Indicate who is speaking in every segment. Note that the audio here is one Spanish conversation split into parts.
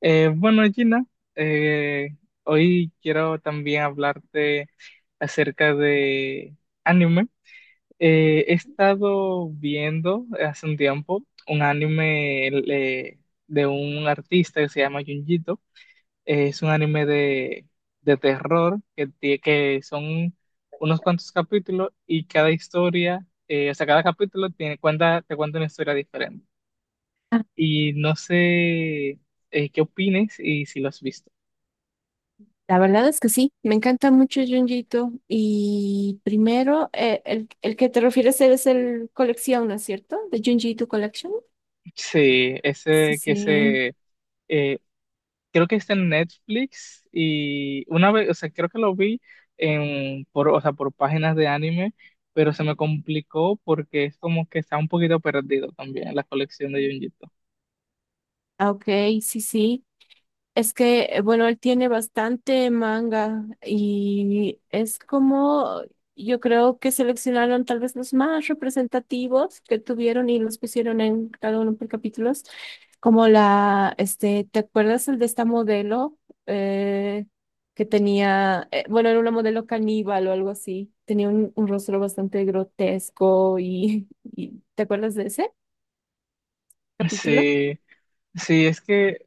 Speaker 1: Bueno, Gina, eh, hoy quiero también hablarte acerca de anime. He estado viendo hace un tiempo un anime de un artista que se llama Junjito. Es un anime de terror que son unos cuantos capítulos y cada historia, o sea, cada capítulo te cuenta una historia diferente. Y no sé qué opines y si lo has visto.
Speaker 2: La verdad es que sí, me encanta mucho Junjito. Y primero, el que te refieres es el colección, ¿no es cierto? De Junjito Collection.
Speaker 1: Sí,
Speaker 2: Sí, sí.
Speaker 1: eh, creo que está en Netflix y una vez, o sea, creo que lo vi o sea, por páginas de anime, pero se me complicó porque es como que está un poquito perdido también la colección de Junjito.
Speaker 2: Ah, ok, sí, sí. Es que, bueno, él tiene bastante manga y es como, yo creo que seleccionaron tal vez los más representativos que tuvieron y los pusieron en cada uno por capítulos, como la, este, ¿te acuerdas el de esta modelo eh, que tenía, bueno, era una modelo caníbal o algo así, tenía un rostro bastante grotesco y, y ¿te acuerdas de ese capítulo?
Speaker 1: Sí, sí, es que,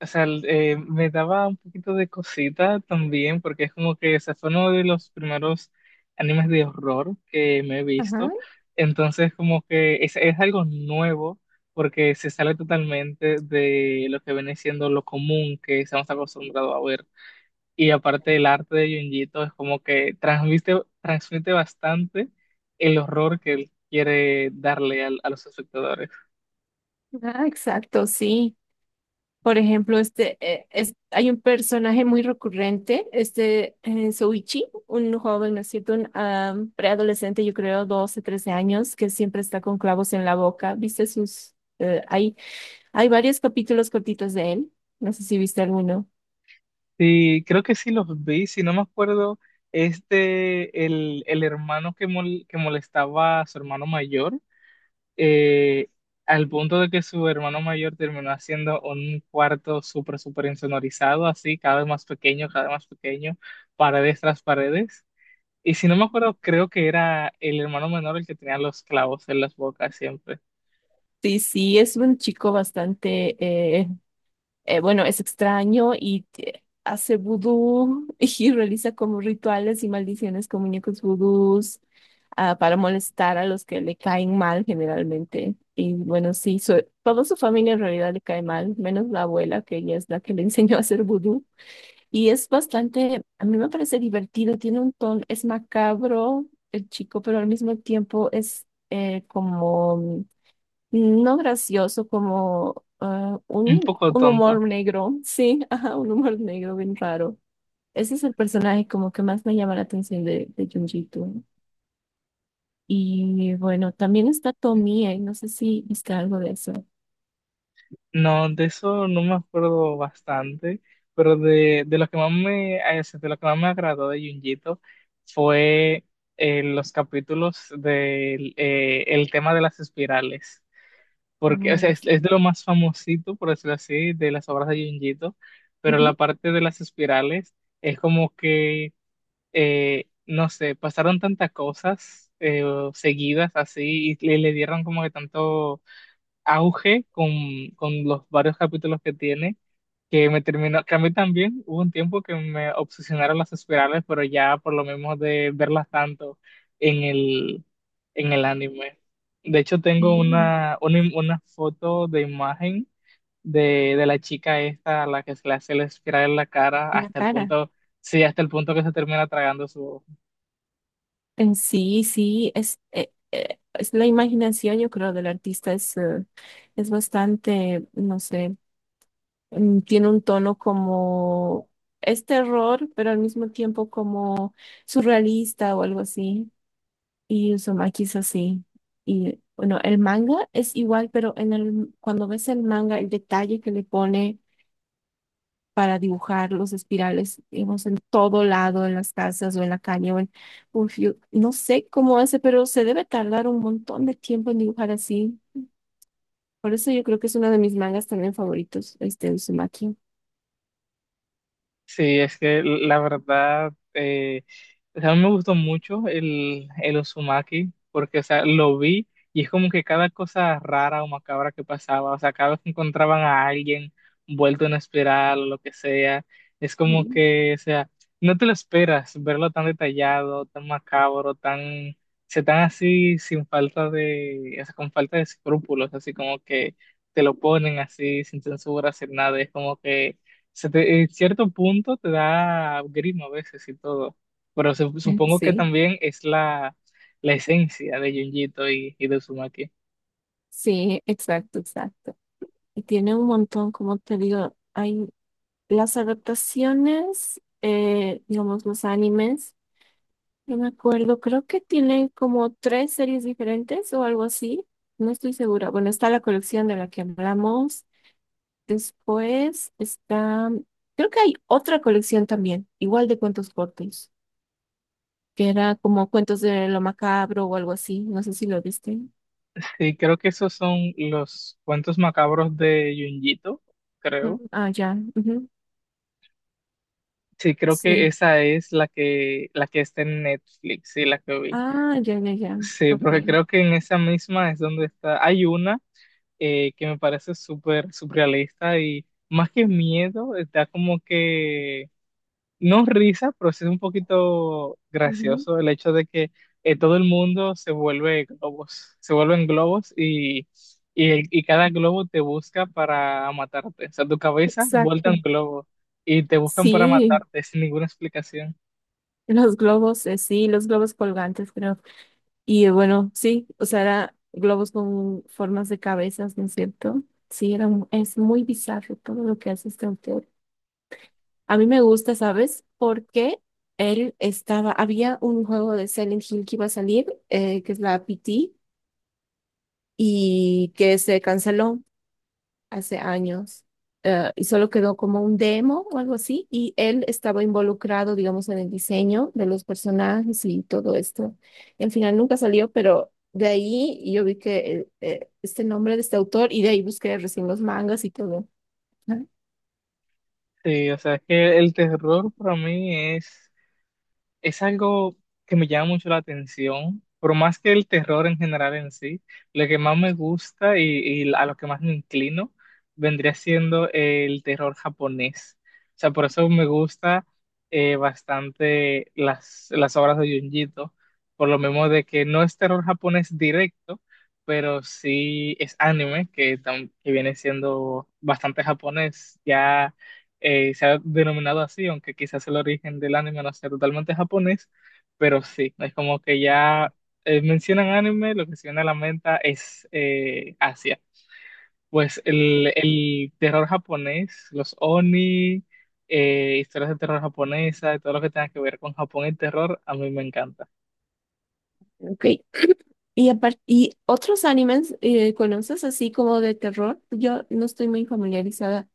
Speaker 1: o sea, me daba un poquito de cosita también, porque es como que ese fue uno de los primeros animes de horror que me he
Speaker 2: Ajá,
Speaker 1: visto. Entonces, como que es algo nuevo, porque se sale totalmente de lo que viene siendo lo común que estamos acostumbrados a ver. Y aparte, el arte de Junjito es como que transmite bastante el horror que él quiere darle a los espectadores.
Speaker 2: ah, exacto, sí. Por ejemplo, este, hay un personaje muy recurrente, este Soichi, un joven, ¿no es cierto? Un ah, preadolescente, yo creo, 12 13 años, que siempre está con clavos en la boca. ¿Viste sus ahí? Hay varios capítulos cortitos de él. No sé si viste alguno.
Speaker 1: Sí, creo que sí los vi, si no me acuerdo, este, el hermano que molestaba a su hermano mayor, eh, al punto de que su hermano mayor terminó haciendo un cuarto súper, súper insonorizado, así, cada vez más pequeño, cada vez más pequeño, paredes tras paredes. Y si no me acuerdo, creo que era el hermano menor el que tenía los clavos en las bocas siempre.
Speaker 2: Sí, sí, es un chico bastante, eh, bueno, es extraño y hace vudú y realiza como rituales y maldiciones con muñecos vudús ah, para molestar a los que le caen mal generalmente. Y bueno, sí, toda su familia en realidad le cae mal, menos la abuela, que ella es la que le enseñó a hacer vudú. Y es bastante, a mí me parece divertido, tiene un tono, es macabro el chico, pero al mismo tiempo es como no gracioso, como ah,
Speaker 1: Un poco
Speaker 2: un humor
Speaker 1: tonto.
Speaker 2: negro, sí, ajá, un humor negro bien raro. Ese es el personaje como que más me llama la atención de Junjito. Y bueno, también está Tomie, no sé si viste algo de eso.
Speaker 1: No, de eso no me acuerdo bastante, pero de lo que más me, de lo que más me agradó de Junjito fue los capítulos del el tema de las espirales, porque o sea,
Speaker 2: Oh,
Speaker 1: es de
Speaker 2: sí.
Speaker 1: lo más famosito, por decirlo así, de las obras de Junjito, pero la
Speaker 2: Ujú.
Speaker 1: parte de las espirales es como que, no sé, pasaron tantas cosas seguidas así y, le dieron como que tanto auge con los varios capítulos que tiene, que a mí también hubo un tiempo que me obsesionaron las espirales, pero ya por lo menos de verlas tanto en el, en el anime. De hecho, tengo
Speaker 2: Sí,
Speaker 1: una foto de imagen de la chica esta a la que se le hace la espiral en la cara
Speaker 2: en la
Speaker 1: hasta el
Speaker 2: cara.
Speaker 1: punto, sí, hasta el punto que se termina tragando su...
Speaker 2: En sí, sí, es la imaginación, yo creo, del artista, es bastante, no sé, mm, tiene un tono como es terror, pero al mismo tiempo como surrealista o algo así. Y Uzumaki es así. Y bueno, el manga es igual, pero en el, cuando ves el manga, el detalle que le pone para dibujar los espirales, digamos, en todo lado, en las casas o en la calle o en un no sé cómo hace, pero se debe tardar un montón de tiempo en dibujar así. Por eso yo creo que es uno de mis mangas también favoritos, este Uzumaki.
Speaker 1: Sí, es que la verdad, o sea, a mí me gustó mucho el Uzumaki, porque, o sea, lo vi y es como que cada cosa rara o macabra que pasaba, o sea, cada vez que encontraban a alguien vuelto en espiral o lo que sea, es como
Speaker 2: Mm.
Speaker 1: que, o sea, no te lo esperas verlo tan detallado, tan macabro, o sea, tan así sin falta de, o sea, con falta de escrúpulos, así como que te lo ponen así sin censura, sin nada, es como que en cierto punto te da grima a veces y todo, pero supongo que
Speaker 2: Sí,
Speaker 1: también es la esencia de Junjito y de Uzumaki.
Speaker 2: sí, exacto, exacto. Y tiene un montón, como te digo, hay las adaptaciones, digamos, los animes. No me acuerdo, creo que tienen como tres series diferentes o algo así. No estoy segura. Bueno, está la colección de la que hablamos. Después está, creo que hay otra colección también, igual de cuentos cortos, que era como cuentos de lo macabro o algo así. No sé si lo viste.
Speaker 1: Sí, creo que esos son los cuentos macabros de Junjito, creo.
Speaker 2: Ujú. Ah, ya. Ujú,
Speaker 1: Sí, creo que
Speaker 2: sí.
Speaker 1: esa es la que está en Netflix, sí, la que vi.
Speaker 2: Ah, ya, ya, ya.
Speaker 1: Sí,
Speaker 2: Ok.
Speaker 1: porque creo que en esa misma es donde está. Hay una que me parece súper surrealista y más que miedo, está como que no risa, pero sí es un poquito
Speaker 2: Ujú,
Speaker 1: gracioso el hecho de que todo el mundo se vuelve globos, se vuelven globos y cada globo te busca para matarte. O sea, tu cabeza vuelta un
Speaker 2: exacto.
Speaker 1: globo y te buscan para
Speaker 2: Sí,
Speaker 1: matarte sin ninguna explicación.
Speaker 2: sí, los globos colgantes, creo. Y bueno, sí, o sea, era globos con formas de cabezas, ¿no es cierto? Sí, era, es muy bizarro todo lo que hace este autor. A mí me gusta, ¿sabes? Porque él estaba, había un juego de Silent Hill que iba a salir, que es la PT, y que se canceló hace años y solo quedó como un demo o algo así y él estaba involucrado, digamos, en el diseño de los personajes y todo esto. Al final nunca salió, pero de ahí yo vi que este nombre de este autor y de ahí busqué recién los mangas y todo. Ah,
Speaker 1: Sí, o sea, es que el terror para mí es algo que me llama mucho la atención, por más que el terror en general en sí, lo que más me gusta y a lo que más me inclino vendría siendo el terror japonés. O sea, por eso me gusta bastante las obras de Junjito, por lo mismo de que no es terror japonés directo, pero sí es anime, que viene siendo bastante japonés, ya se ha denominado así, aunque quizás el origen del anime no sea totalmente japonés, pero sí, es como que ya mencionan anime, lo que se viene a la mente es Asia. Pues el terror japonés, los oni, historias de terror japonesa, todo lo que tenga que ver con Japón y terror, a mí me encanta.
Speaker 2: ok. Y, y otros animes, ¿conoces así como de terror? Yo no estoy muy familiarizada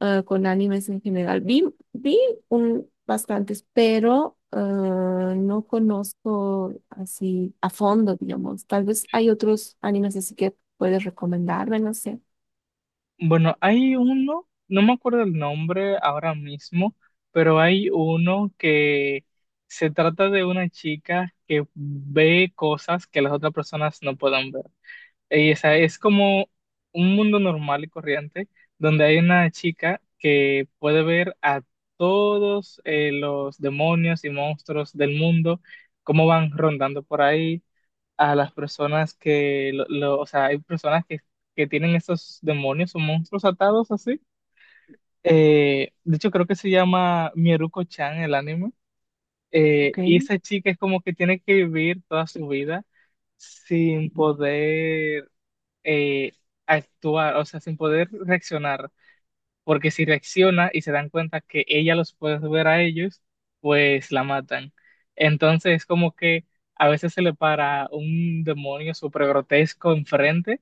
Speaker 2: ah, con animes en general. Vi un, bastantes, pero ah, no conozco así a fondo, digamos. Tal vez hay otros animes así que puedes recomendarme, no sé.
Speaker 1: Bueno, hay uno, no me acuerdo el nombre ahora mismo, pero hay uno que se trata de una chica que ve cosas que las otras personas no pueden ver. Y esa es como un mundo normal y corriente donde hay una chica que puede ver a todos los demonios y monstruos del mundo, cómo van rondando por ahí a las personas o sea, hay personas que tienen esos demonios o monstruos atados así. De hecho, creo que se llama Mieruko-chan el anime.
Speaker 2: Ok.
Speaker 1: Y esa chica es como que tiene que vivir toda su vida sin poder eh, actuar, o sea, sin poder reaccionar porque si reacciona y se dan cuenta que ella los puede ver a ellos, pues la matan. Entonces es como que a veces se le para un demonio súper grotesco enfrente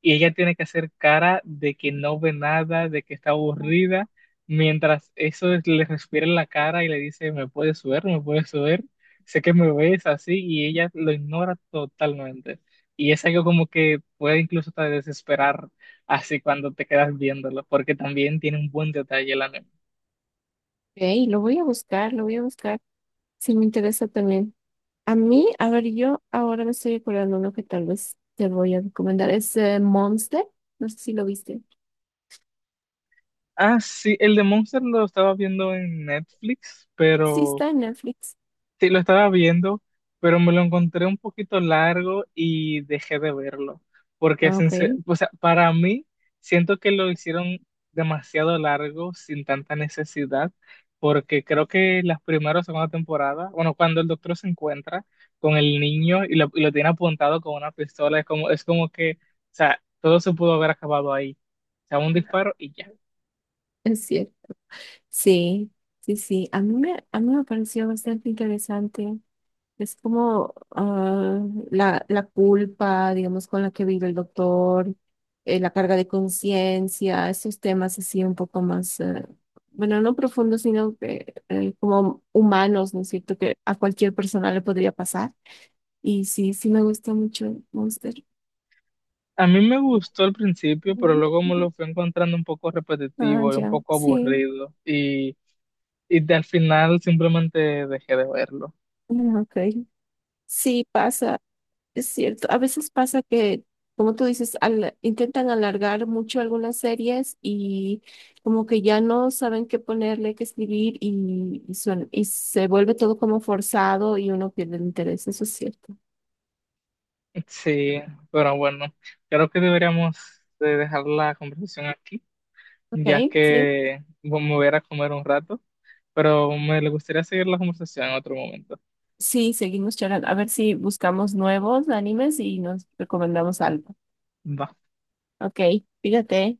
Speaker 1: y ella tiene que hacer cara de que no ve nada, de que está aburrida, mientras le respira en la cara y le dice: "Me puedes ver, me puedes ver, sé que me ves así", y ella lo ignora totalmente. Y es algo como que puede incluso hasta desesperar así cuando te quedas viéndolo, porque también tiene un buen detalle el anime.
Speaker 2: Ok, lo voy a buscar, lo voy a buscar. Sí, me interesa también. A mí, a ver, yo ahora me estoy acordando uno que tal vez te voy a recomendar. Es Monster. No sé si lo viste.
Speaker 1: Ah, sí, el de Monster lo estaba viendo en Netflix,
Speaker 2: Sí,
Speaker 1: pero...
Speaker 2: está en Netflix.
Speaker 1: Sí, lo estaba viendo, pero me lo encontré un poquito largo y dejé de verlo, porque
Speaker 2: Ah, ok.
Speaker 1: o sea, para mí siento que lo hicieron demasiado largo sin tanta necesidad, porque creo que las primeras o segunda temporada, bueno, cuando el doctor se encuentra con el niño y lo tiene apuntado con una pistola, es como que, o sea, todo se pudo haber acabado ahí, o sea, un disparo y ya.
Speaker 2: Es cierto. Sí, sí, sí. A mí me pareció bastante interesante. Es como ah, la culpa, digamos, con la que vive el doctor, la carga de conciencia, esos temas así un poco más, bueno, no profundos, sino que como humanos, ¿no es cierto? Que a cualquier persona le podría pasar. Y sí, sí me gusta mucho Monster.
Speaker 1: A mí me gustó al principio, pero
Speaker 2: Ujú,
Speaker 1: luego me
Speaker 2: ujú.
Speaker 1: lo fui encontrando un poco
Speaker 2: Ah,
Speaker 1: repetitivo y un
Speaker 2: ya,
Speaker 1: poco
Speaker 2: sí,
Speaker 1: aburrido. Y al final simplemente dejé de verlo.
Speaker 2: mm, ok. Sí, pasa. Es cierto, a veces pasa que, como tú dices, intentan alargar mucho algunas series y como que ya no saben qué ponerle, qué escribir y, y se vuelve todo como forzado y uno pierde el interés, eso es cierto.
Speaker 1: Sí, pero bueno, creo que deberíamos de dejar la conversación aquí, ya
Speaker 2: Ok, sí.
Speaker 1: que bueno, me voy a ir a comer un rato, pero me gustaría seguir la conversación en otro momento.
Speaker 2: Sí, seguimos charlando. A ver si buscamos nuevos animes y nos recomendamos algo.
Speaker 1: Va.
Speaker 2: Ok, fíjate.